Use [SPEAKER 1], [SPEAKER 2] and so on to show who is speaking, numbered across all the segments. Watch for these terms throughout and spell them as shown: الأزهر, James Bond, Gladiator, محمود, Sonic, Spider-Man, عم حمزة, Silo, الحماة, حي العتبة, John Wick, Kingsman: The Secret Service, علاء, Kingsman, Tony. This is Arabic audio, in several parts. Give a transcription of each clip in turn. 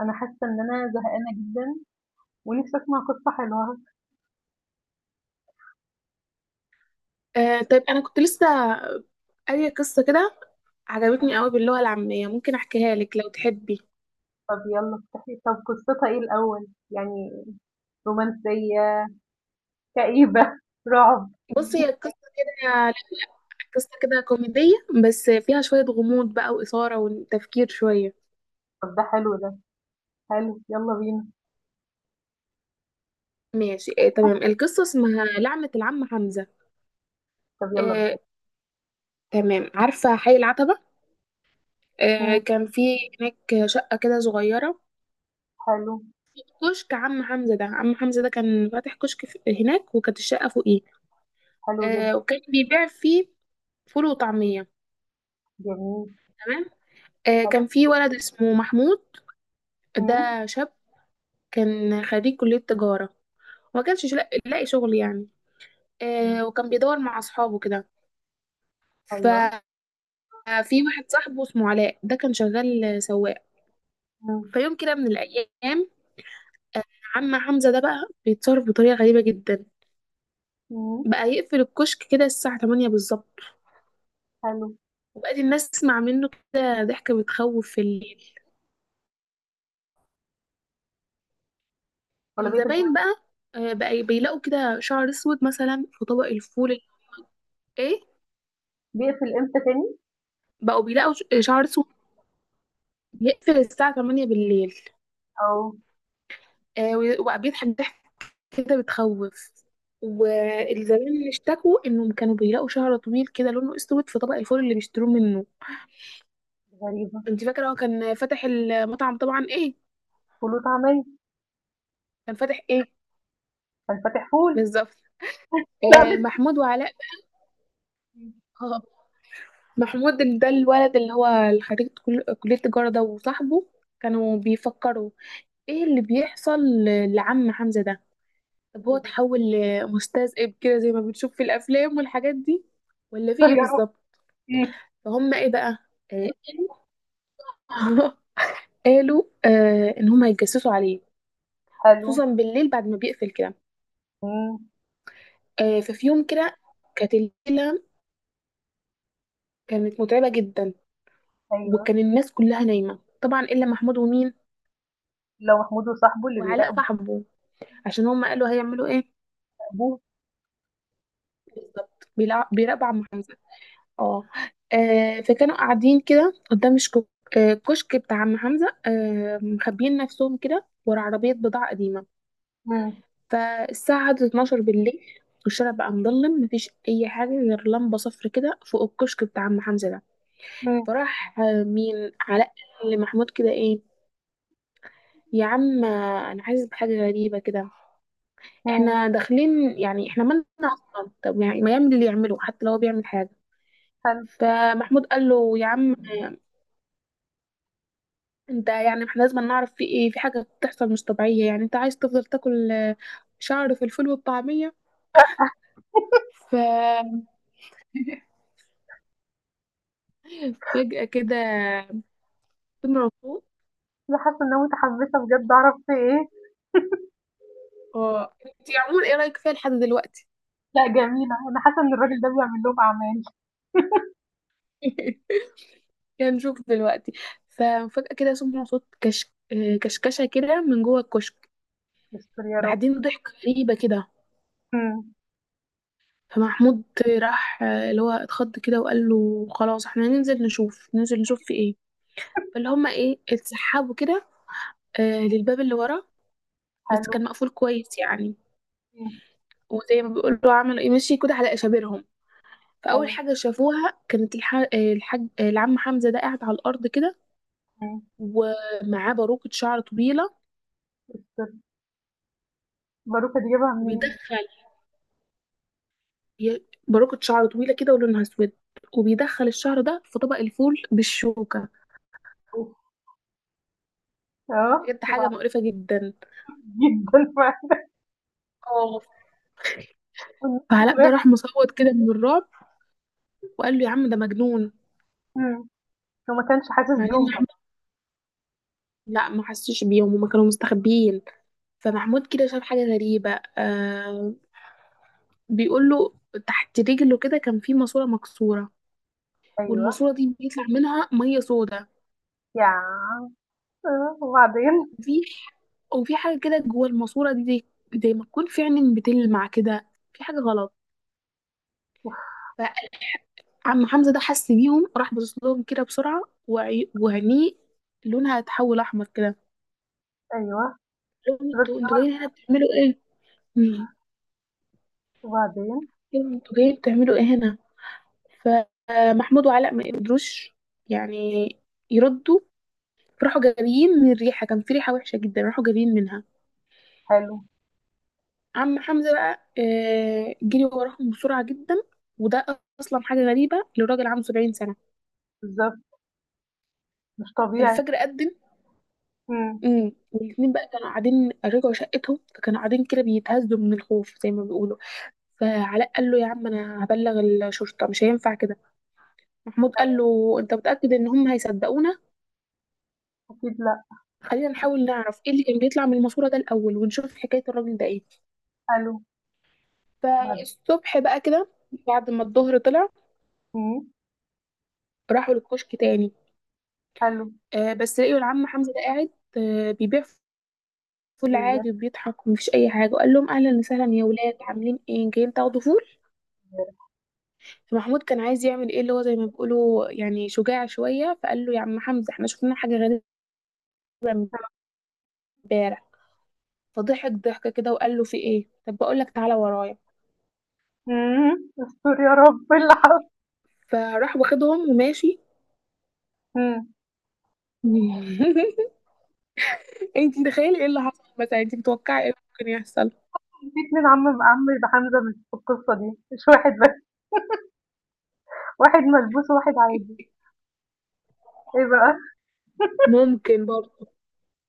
[SPEAKER 1] أنا حاسة إن أنا زهقانة جدًا ونفسي أسمع قصة حلوة.
[SPEAKER 2] آه، طيب انا كنت لسه قارية قصة كده، عجبتني قوي باللغة العامية. ممكن احكيها لك لو تحبي؟
[SPEAKER 1] طب يلا افتحي. طب قصتها إيه الأول؟ يعني رومانسية، كئيبة، رعب؟
[SPEAKER 2] بصي، هي قصة كده، لا، لا، قصة كده كوميدية بس فيها شوية غموض بقى وإثارة وتفكير شوية.
[SPEAKER 1] طب ده حلو ده، حلو يلا بينا.
[SPEAKER 2] ماشي، تمام. القصة اسمها لعنة العم حمزة.
[SPEAKER 1] طب يلا
[SPEAKER 2] آه
[SPEAKER 1] ابدئي.
[SPEAKER 2] تمام، عارفة حي العتبة؟
[SPEAKER 1] إمم،
[SPEAKER 2] كان في هناك شقة كده صغيرة،
[SPEAKER 1] حلو.
[SPEAKER 2] كشك عم حمزة ده. عم حمزة ده كان فاتح كشك هناك، وكانت الشقة فوقيه.
[SPEAKER 1] حلو جدًا.
[SPEAKER 2] وكان بيبيع فيه فول وطعمية،
[SPEAKER 1] جميل.
[SPEAKER 2] تمام.
[SPEAKER 1] حلو.
[SPEAKER 2] كان في ولد اسمه محمود،
[SPEAKER 1] إمم،
[SPEAKER 2] ده شاب كان خريج كلية تجارة وما كانش لاقي شغل يعني.
[SPEAKER 1] إمم،
[SPEAKER 2] وكان بيدور مع أصحابه كده.
[SPEAKER 1] أيوه.
[SPEAKER 2] ففي واحد صاحبه اسمه علاء، ده كان شغال سواق.
[SPEAKER 1] إمم،
[SPEAKER 2] فيوم كده من الأيام، عم حمزة ده بقى بيتصرف بطريقة غريبة جدا،
[SPEAKER 1] إمم،
[SPEAKER 2] بقى يقفل الكشك كده الساعة 8 بالظبط،
[SPEAKER 1] حلو.
[SPEAKER 2] وبقت الناس تسمع منه كده ضحكة بتخوف في الليل.
[SPEAKER 1] والّا بيقفل تم؟
[SPEAKER 2] الزباين بقى بقى بيلاقوا كده شعر اسود مثلا في طبق الفول. ايه؟
[SPEAKER 1] بيقفل إمتى تاني؟
[SPEAKER 2] بقوا بيلاقوا شعر اسود. بيقفل الساعة 8 بالليل.
[SPEAKER 1] آه.
[SPEAKER 2] وبيضحك ضحك كده بتخوف، والزبائن اللي اشتكوا انهم كانوا بيلاقوا شعر طويل كده لونه اسود في طبق الفول اللي بيشتروه منه.
[SPEAKER 1] غريبة.
[SPEAKER 2] انت فاكرة هو كان فاتح المطعم طبعا ايه؟
[SPEAKER 1] فول وطعمية.
[SPEAKER 2] كان فاتح ايه؟
[SPEAKER 1] كان فاتح فول.
[SPEAKER 2] بالظبط.
[SPEAKER 1] لأ مش
[SPEAKER 2] محمود وعلاء.
[SPEAKER 1] إمم،
[SPEAKER 2] آه محمود، ده الولد اللي هو خريج كلية التجارة، ده وصاحبه كانوا بيفكروا ايه اللي بيحصل لعم حمزة ده.
[SPEAKER 1] إيه
[SPEAKER 2] طب هو
[SPEAKER 1] اللي
[SPEAKER 2] اتحول لمستذئب كده زي ما بنشوف في الافلام والحاجات دي، ولا في
[SPEAKER 1] بيحصل
[SPEAKER 2] ايه
[SPEAKER 1] يا رب؟
[SPEAKER 2] بالظبط؟
[SPEAKER 1] إمم،
[SPEAKER 2] فهم ايه بقى، آه، قالوا قالوا ان هم هيتجسسوا عليه،
[SPEAKER 1] حلو.
[SPEAKER 2] خصوصا بالليل بعد ما بيقفل كده.
[SPEAKER 1] إمم،
[SPEAKER 2] ففي يوم كده، كانت الليله كانت متعبه جدا،
[SPEAKER 1] أيوه.
[SPEAKER 2] وكان الناس كلها نايمه طبعا الا محمود ومين؟
[SPEAKER 1] اللي هو محمود وصاحبه اللي
[SPEAKER 2] وعلاء
[SPEAKER 1] بيراقبوا
[SPEAKER 2] صاحبه، عشان هم قالوا هيعملوا ايه.
[SPEAKER 1] أبوه.
[SPEAKER 2] بالظبط، بيراقبوا عم. اه فكانوا قاعدين كده قدام كشك بتاع عم حمزة، مخبيين نفسهم كده ورا عربية بضاعة قديمة.
[SPEAKER 1] إمم،
[SPEAKER 2] فالساعة عدت 12 بالليل، والشارع بقى مظلم، مفيش أي حاجة غير لمبة صفر كده فوق الكشك بتاع عم حمزة ده.
[SPEAKER 1] إمم،
[SPEAKER 2] فراح مين، علاء، لمحمود كده: ايه يا عم، أنا حاسس بحاجة غريبة كده،
[SPEAKER 1] إمم،
[SPEAKER 2] احنا داخلين يعني، احنا مالنا أصلا؟ طب يعني ما يعمل اللي يعمله حتى لو هو بيعمل حاجة.
[SPEAKER 1] حلو.
[SPEAKER 2] فمحمود قال له: يا عم انت، يعني احنا لازم نعرف في ايه، في حاجة بتحصل مش طبيعية، يعني انت عايز تفضل تاكل شعر في الفول والطعمية؟ ففجأة كده سمع صوت.
[SPEAKER 1] أنا حاسة إن أنا متحمسة بجد أعرف في إيه.
[SPEAKER 2] اه، انت عموما ايه رأيك فيها لحد دلوقتي؟
[SPEAKER 1] لأ جميلة، أنا حاسة إن الراجل ده بيعمل لهم أعمال.
[SPEAKER 2] يعني نشوف دلوقتي. ففجأة كده سمع صوت كش... آه، كشكشة كده من جوه الكشك،
[SPEAKER 1] يستر يا رب.
[SPEAKER 2] بعدين ضحكة غريبة كده.
[SPEAKER 1] إمم،
[SPEAKER 2] فمحمود راح، اللي هو اتخض كده، وقال له: خلاص احنا ننزل نشوف، ننزل نشوف في ايه. فاللي هما ايه، اتسحبوا كده للباب اللي ورا، بس
[SPEAKER 1] حلو.
[SPEAKER 2] كان مقفول كويس يعني.
[SPEAKER 1] إمم،
[SPEAKER 2] وزي ما بيقولوا عملوا ايه، مشي كده على اشابرهم. فاول
[SPEAKER 1] حلو.
[SPEAKER 2] حاجه شافوها كانت الحاج العم حمزه ده قاعد على الارض كده،
[SPEAKER 1] إمم،
[SPEAKER 2] ومعاه باروكه شعر طويله.
[SPEAKER 1] يستر. باروكة دي جايبها منين؟
[SPEAKER 2] وبيدخل باروكه شعر طويله كده، ولونها اسود، وبيدخل الشعر ده في طبق الفول بالشوكه،
[SPEAKER 1] أوف! آه،
[SPEAKER 2] بجد حاجه
[SPEAKER 1] وبعدين؟
[SPEAKER 2] مقرفه جدا،
[SPEAKER 1] جدًا فعلًا.
[SPEAKER 2] اه.
[SPEAKER 1] والناس
[SPEAKER 2] فعلاء ده
[SPEAKER 1] بتراقب.
[SPEAKER 2] راح مصوت كده من الرعب، وقال له: يا عم ده مجنون.
[SPEAKER 1] إمم، هو ما كانش حاسس
[SPEAKER 2] بعدين
[SPEAKER 1] بيهم
[SPEAKER 2] محمود،
[SPEAKER 1] طبعًا.
[SPEAKER 2] لا ما حسوش بيهم، هما كانوا مستخبيين. فمحمود كده شاف حاجه غريبه، آه بيقول له: تحت رجله كده كان في ماسورة مكسورة،
[SPEAKER 1] أيوه.
[SPEAKER 2] والماسورة دي بيطلع منها مية سودا.
[SPEAKER 1] يا عم آه، وبعدين؟
[SPEAKER 2] في وفي حاجة كده جوه الماسورة دي، زي ما تكون في عين بتلمع كده، في حاجة غلط. فعم حمزة ده حس بيهم، راح باصص لهم كده بسرعة، وعينيه لونها اتحول أحمر كده.
[SPEAKER 1] أيوه.
[SPEAKER 2] قال لهم:
[SPEAKER 1] الراجل ده
[SPEAKER 2] انتوا جايين هنا
[SPEAKER 1] ملبوس.
[SPEAKER 2] بتعملوا ايه؟ مم.
[SPEAKER 1] وبعدين؟
[SPEAKER 2] انتوا جايين بتعملوا ايه هنا؟ فمحمود وعلاء ما قدروش يعني يردوا، فراحوا جاريين من الريحة، كان في ريحة وحشة جدا، راحوا جاريين منها.
[SPEAKER 1] حلو.
[SPEAKER 2] عم حمزة بقى جري وراهم بسرعة جدا، وده أصلا حاجة غريبة لراجل عنده 70 سنة.
[SPEAKER 1] بالضبط. مش طبيعي.
[SPEAKER 2] فالفجر أذن.
[SPEAKER 1] إمم،
[SPEAKER 2] والاتنين بقى كانوا قاعدين، رجعوا شقتهم، فكانوا قاعدين كده بيتهزوا من الخوف زي ما بيقولوا. فعلاء قال له: يا عم أنا هبلغ الشرطة، مش هينفع كده. محمود قال له: أنت متأكد إن هم هيصدقونا؟
[SPEAKER 1] أكيد لأ.
[SPEAKER 2] خلينا نحاول نعرف إيه اللي كان بيطلع من الماسورة ده الأول، ونشوف حكاية الراجل ده إيه.
[SPEAKER 1] حلو. بعد
[SPEAKER 2] فالصبح بقى كده، بعد ما الظهر طلع،
[SPEAKER 1] إمم،
[SPEAKER 2] راحوا للكشك تاني،
[SPEAKER 1] حلو.
[SPEAKER 2] بس لقيوا العم حمزة ده قاعد بيبيع فول
[SPEAKER 1] بجد
[SPEAKER 2] عادي وبيضحك، ومفيش أي حاجة، وقال لهم: أهلا وسهلا يا ولاد، عاملين إيه، جايين تاخدوا فول؟ فمحمود كان عايز يعمل إيه، اللي هو زي ما بيقولوا يعني شجاع شوية، فقال له: يا عم حمزة إحنا شفنا حاجة غريبة امبارح. فضحك ضحكة كده وقال له: في إيه؟ طب بقول لك، تعالى ورايا.
[SPEAKER 1] إمم، استر يا رب العفو.
[SPEAKER 2] فراح واخدهم وماشي.
[SPEAKER 1] إمم،
[SPEAKER 2] انت متخيلة ايه اللي حصل مثلا؟ انت متوقعة ايه ممكن يحصل؟
[SPEAKER 1] في 2 عم حمزة مش في القصة دي، مش واحد بس، واحد ملبوس وواحد عادي. إيه بقى؟
[SPEAKER 2] ممكن برضه،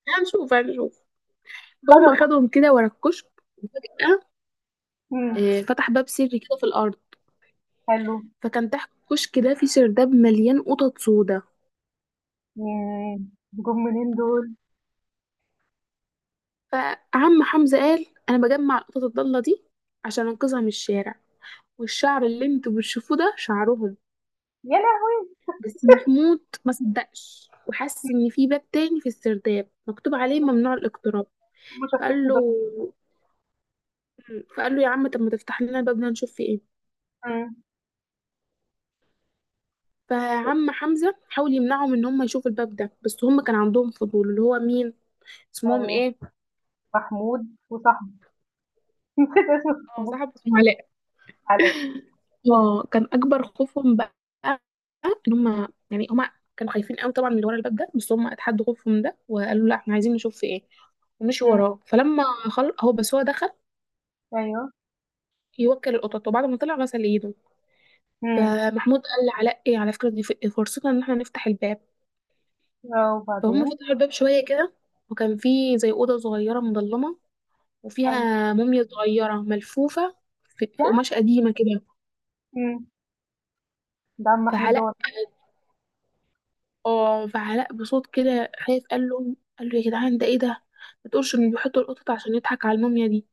[SPEAKER 2] هنشوف هنشوف.
[SPEAKER 1] لا ده
[SPEAKER 2] فهم
[SPEAKER 1] متح
[SPEAKER 2] خدهم كده ورا الكشك، وفجأة
[SPEAKER 1] إمم،
[SPEAKER 2] فتح باب سري كده في الأرض.
[SPEAKER 1] حلو.
[SPEAKER 2] فكان تحت الكشك ده في سرداب مليان قطط سودا.
[SPEAKER 1] ياه! جُم منين دول؟
[SPEAKER 2] فعم حمزة قال: أنا بجمع القطط الضالة دي عشان أنقذها من الشارع، والشعر اللي انتوا بتشوفوه ده شعرهم.
[SPEAKER 1] يا لهوي!
[SPEAKER 2] بس محمود ما صدقش، وحس إن في باب تاني في السرداب مكتوب عليه ممنوع الاقتراب.
[SPEAKER 1] هُم شافوه
[SPEAKER 2] فقال
[SPEAKER 1] كده.
[SPEAKER 2] له فقال له: يا عم، طب ما تفتح لنا الباب ده نشوف فيه إيه.
[SPEAKER 1] إمم،
[SPEAKER 2] فعم حمزة حاول يمنعهم إن هم يشوفوا الباب ده، بس هم كان عندهم فضول. اللي هو مين اسمهم
[SPEAKER 1] أيوه.
[SPEAKER 2] ايه؟
[SPEAKER 1] محمود وصاحبه. نسيت اسم
[SPEAKER 2] اه،
[SPEAKER 1] صاحبه.
[SPEAKER 2] صاحب اسمه علاء.
[SPEAKER 1] حلاوي.
[SPEAKER 2] اه، كان اكبر خوفهم بقى ان هم، يعني هم كانوا خايفين قوي طبعا من اللي ورا الباب ده، بس هم اتحدوا خوفهم ده، وقالوا: لا احنا عايزين نشوف في ايه. ومشي
[SPEAKER 1] إمم،
[SPEAKER 2] وراه. فلما خل... هو بس هو دخل
[SPEAKER 1] أيوه.
[SPEAKER 2] يوكل القطط، وبعد ما طلع غسل ايده.
[SPEAKER 1] إمم،
[SPEAKER 2] فمحمود قال لعلاء: ايه، على فكره دي فرصتنا ان احنا نفتح الباب.
[SPEAKER 1] آه
[SPEAKER 2] فهم
[SPEAKER 1] وبعدين؟
[SPEAKER 2] فتحوا الباب شويه كده، وكان في زي اوضه صغيره مظلمه،
[SPEAKER 1] حلو.
[SPEAKER 2] وفيها موميا صغيره ملفوفه
[SPEAKER 1] يا
[SPEAKER 2] في
[SPEAKER 1] عم
[SPEAKER 2] قماش قديمه كده.
[SPEAKER 1] إمم، ده عم محمود
[SPEAKER 2] فعلاء
[SPEAKER 1] دوّة.
[SPEAKER 2] اه فعلاء بصوت كده خايف، قال له: يا جدعان ده ايه ده؟ ما تقولش ان
[SPEAKER 1] إمم،
[SPEAKER 2] بيحطوا القطط عشان يضحك على الموميا دي.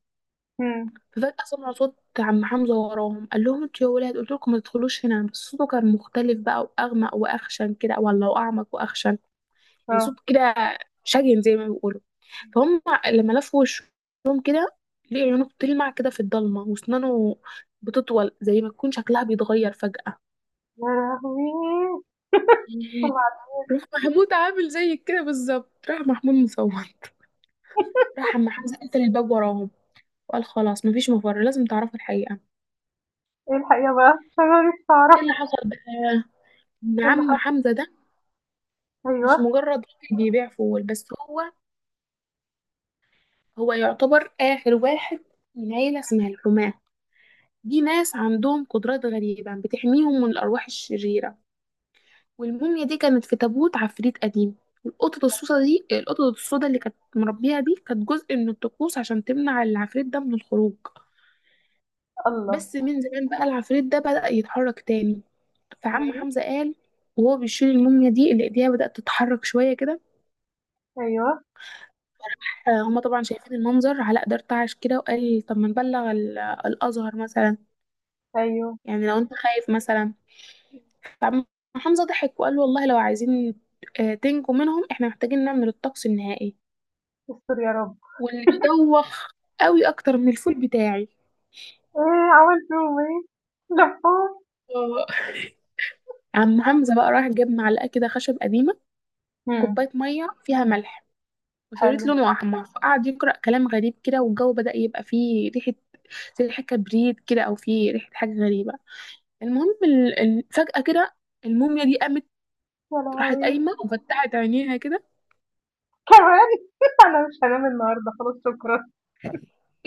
[SPEAKER 1] إمم،
[SPEAKER 2] ففجأة سمعوا صوت عم حمزة وراهم، قال لهم: انتوا يا ولاد، قلت لكم ما تدخلوش هنا، بس صوته كان مختلف بقى، واغمق واخشن كده، ولا واعمق واخشن، يعني صوت
[SPEAKER 1] آه.
[SPEAKER 2] كده شجن زي ما بيقولوا. فهم لما لفوا وشهم كده، لقوا عيونه بتلمع كده في الضلمة، واسنانه بتطول، زي ما تكون شكلها بيتغير فجأة.
[SPEAKER 1] يا لهوي! وبعد
[SPEAKER 2] راح محمود عامل زي كده بالظبط، راح محمود مصور. راح عم حمزة قفل الباب وراهم، وقال: خلاص مفيش مفر، لازم تعرفوا الحقيقة.
[SPEAKER 1] إيه الحقيقة بقى؟ عشان أنا نفسي
[SPEAKER 2] ايه
[SPEAKER 1] أعرف
[SPEAKER 2] اللي حصل بقى؟ ان
[SPEAKER 1] إيه اللي
[SPEAKER 2] عم
[SPEAKER 1] حصل.
[SPEAKER 2] حمزة ده مش
[SPEAKER 1] أيوه.
[SPEAKER 2] مجرد راجل بيبيع فول بس، هو يعتبر آخر واحد من عيلة اسمها الحماة. دي ناس عندهم قدرات غريبة بتحميهم من الأرواح الشريرة، والموميا دي كانت في تابوت عفريت قديم. القطط السودا اللي كانت مربيها دي، كانت جزء من الطقوس عشان تمنع العفريت ده من الخروج.
[SPEAKER 1] الله!
[SPEAKER 2] بس من زمان بقى، العفريت ده بدأ يتحرك تاني. فعم
[SPEAKER 1] إمم،
[SPEAKER 2] حمزة قال وهو بيشيل الموميا دي اللي ايديها بدأت تتحرك شوية كده،
[SPEAKER 1] أيوه.
[SPEAKER 2] هما طبعا شايفين المنظر. علاء ده ارتعش كده وقال: طب ما نبلغ الأزهر مثلا،
[SPEAKER 1] أيوه.
[SPEAKER 2] يعني لو انت خايف مثلا. فعم حمزة ضحك وقال له: والله لو عايزين تنجوا منهم، احنا محتاجين نعمل الطقس النهائي،
[SPEAKER 1] استر يا رب.
[SPEAKER 2] واللي بيدوخ قوي اكتر من الفول بتاعي.
[SPEAKER 1] إيه عملت فيهم إيه؟ لفّوهم؟
[SPEAKER 2] آه. عم حمزة بقى راح جاب معلقة كده خشب قديمة،
[SPEAKER 1] إمم،
[SPEAKER 2] كوباية مية فيها ملح،
[SPEAKER 1] حلو.
[SPEAKER 2] وشريط لونه احمر، فقعد يقرا كلام غريب كده، والجو بدا يبقى فيه ريحه زي ريحه كبريت كده، او فيه ريحه حاجه غريبه. المهم فجاه كده الموميا دي قامت،
[SPEAKER 1] يا
[SPEAKER 2] راحت
[SPEAKER 1] لهوي!
[SPEAKER 2] قايمه وفتحت عينيها كده.
[SPEAKER 1] كمان! أنا مش هانام النهارده خلاص شكرًا.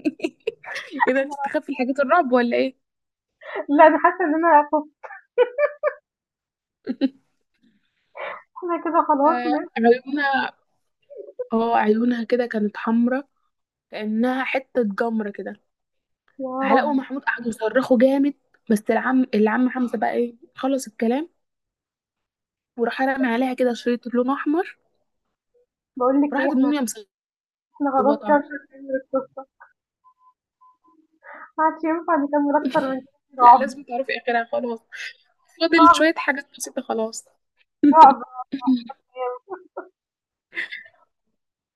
[SPEAKER 2] ايه ده، بتستخبي حاجات الرعب ولا ايه؟
[SPEAKER 1] لا أنا حاسة إن أنا خُفت. إحنا كده خلاص ن
[SPEAKER 2] فعيونها، اه عيونها كده كانت حمرا، كانها حته جمره كده.
[SPEAKER 1] يا
[SPEAKER 2] فعلاء
[SPEAKER 1] رب!
[SPEAKER 2] ومحمود قعدوا يصرخوا جامد، بس العم حمزه بقى ايه خلص الكلام، وراح رمى عليها كده شريط لون احمر،
[SPEAKER 1] باقول لك إيه،
[SPEAKER 2] راحت
[SPEAKER 1] إحنا
[SPEAKER 2] الموميا
[SPEAKER 1] إحنا خلاص
[SPEAKER 2] مصوته.
[SPEAKER 1] كده مش هنكمل القصة. ما عادش ينفع نكمل أكتر من كده.
[SPEAKER 2] لا
[SPEAKER 1] رعب.
[SPEAKER 2] لازم تعرفي اخرها خلاص، فاضل
[SPEAKER 1] رعب.
[SPEAKER 2] شوية حاجات بسيطة خلاص.
[SPEAKER 1] رعب. رعب. رعب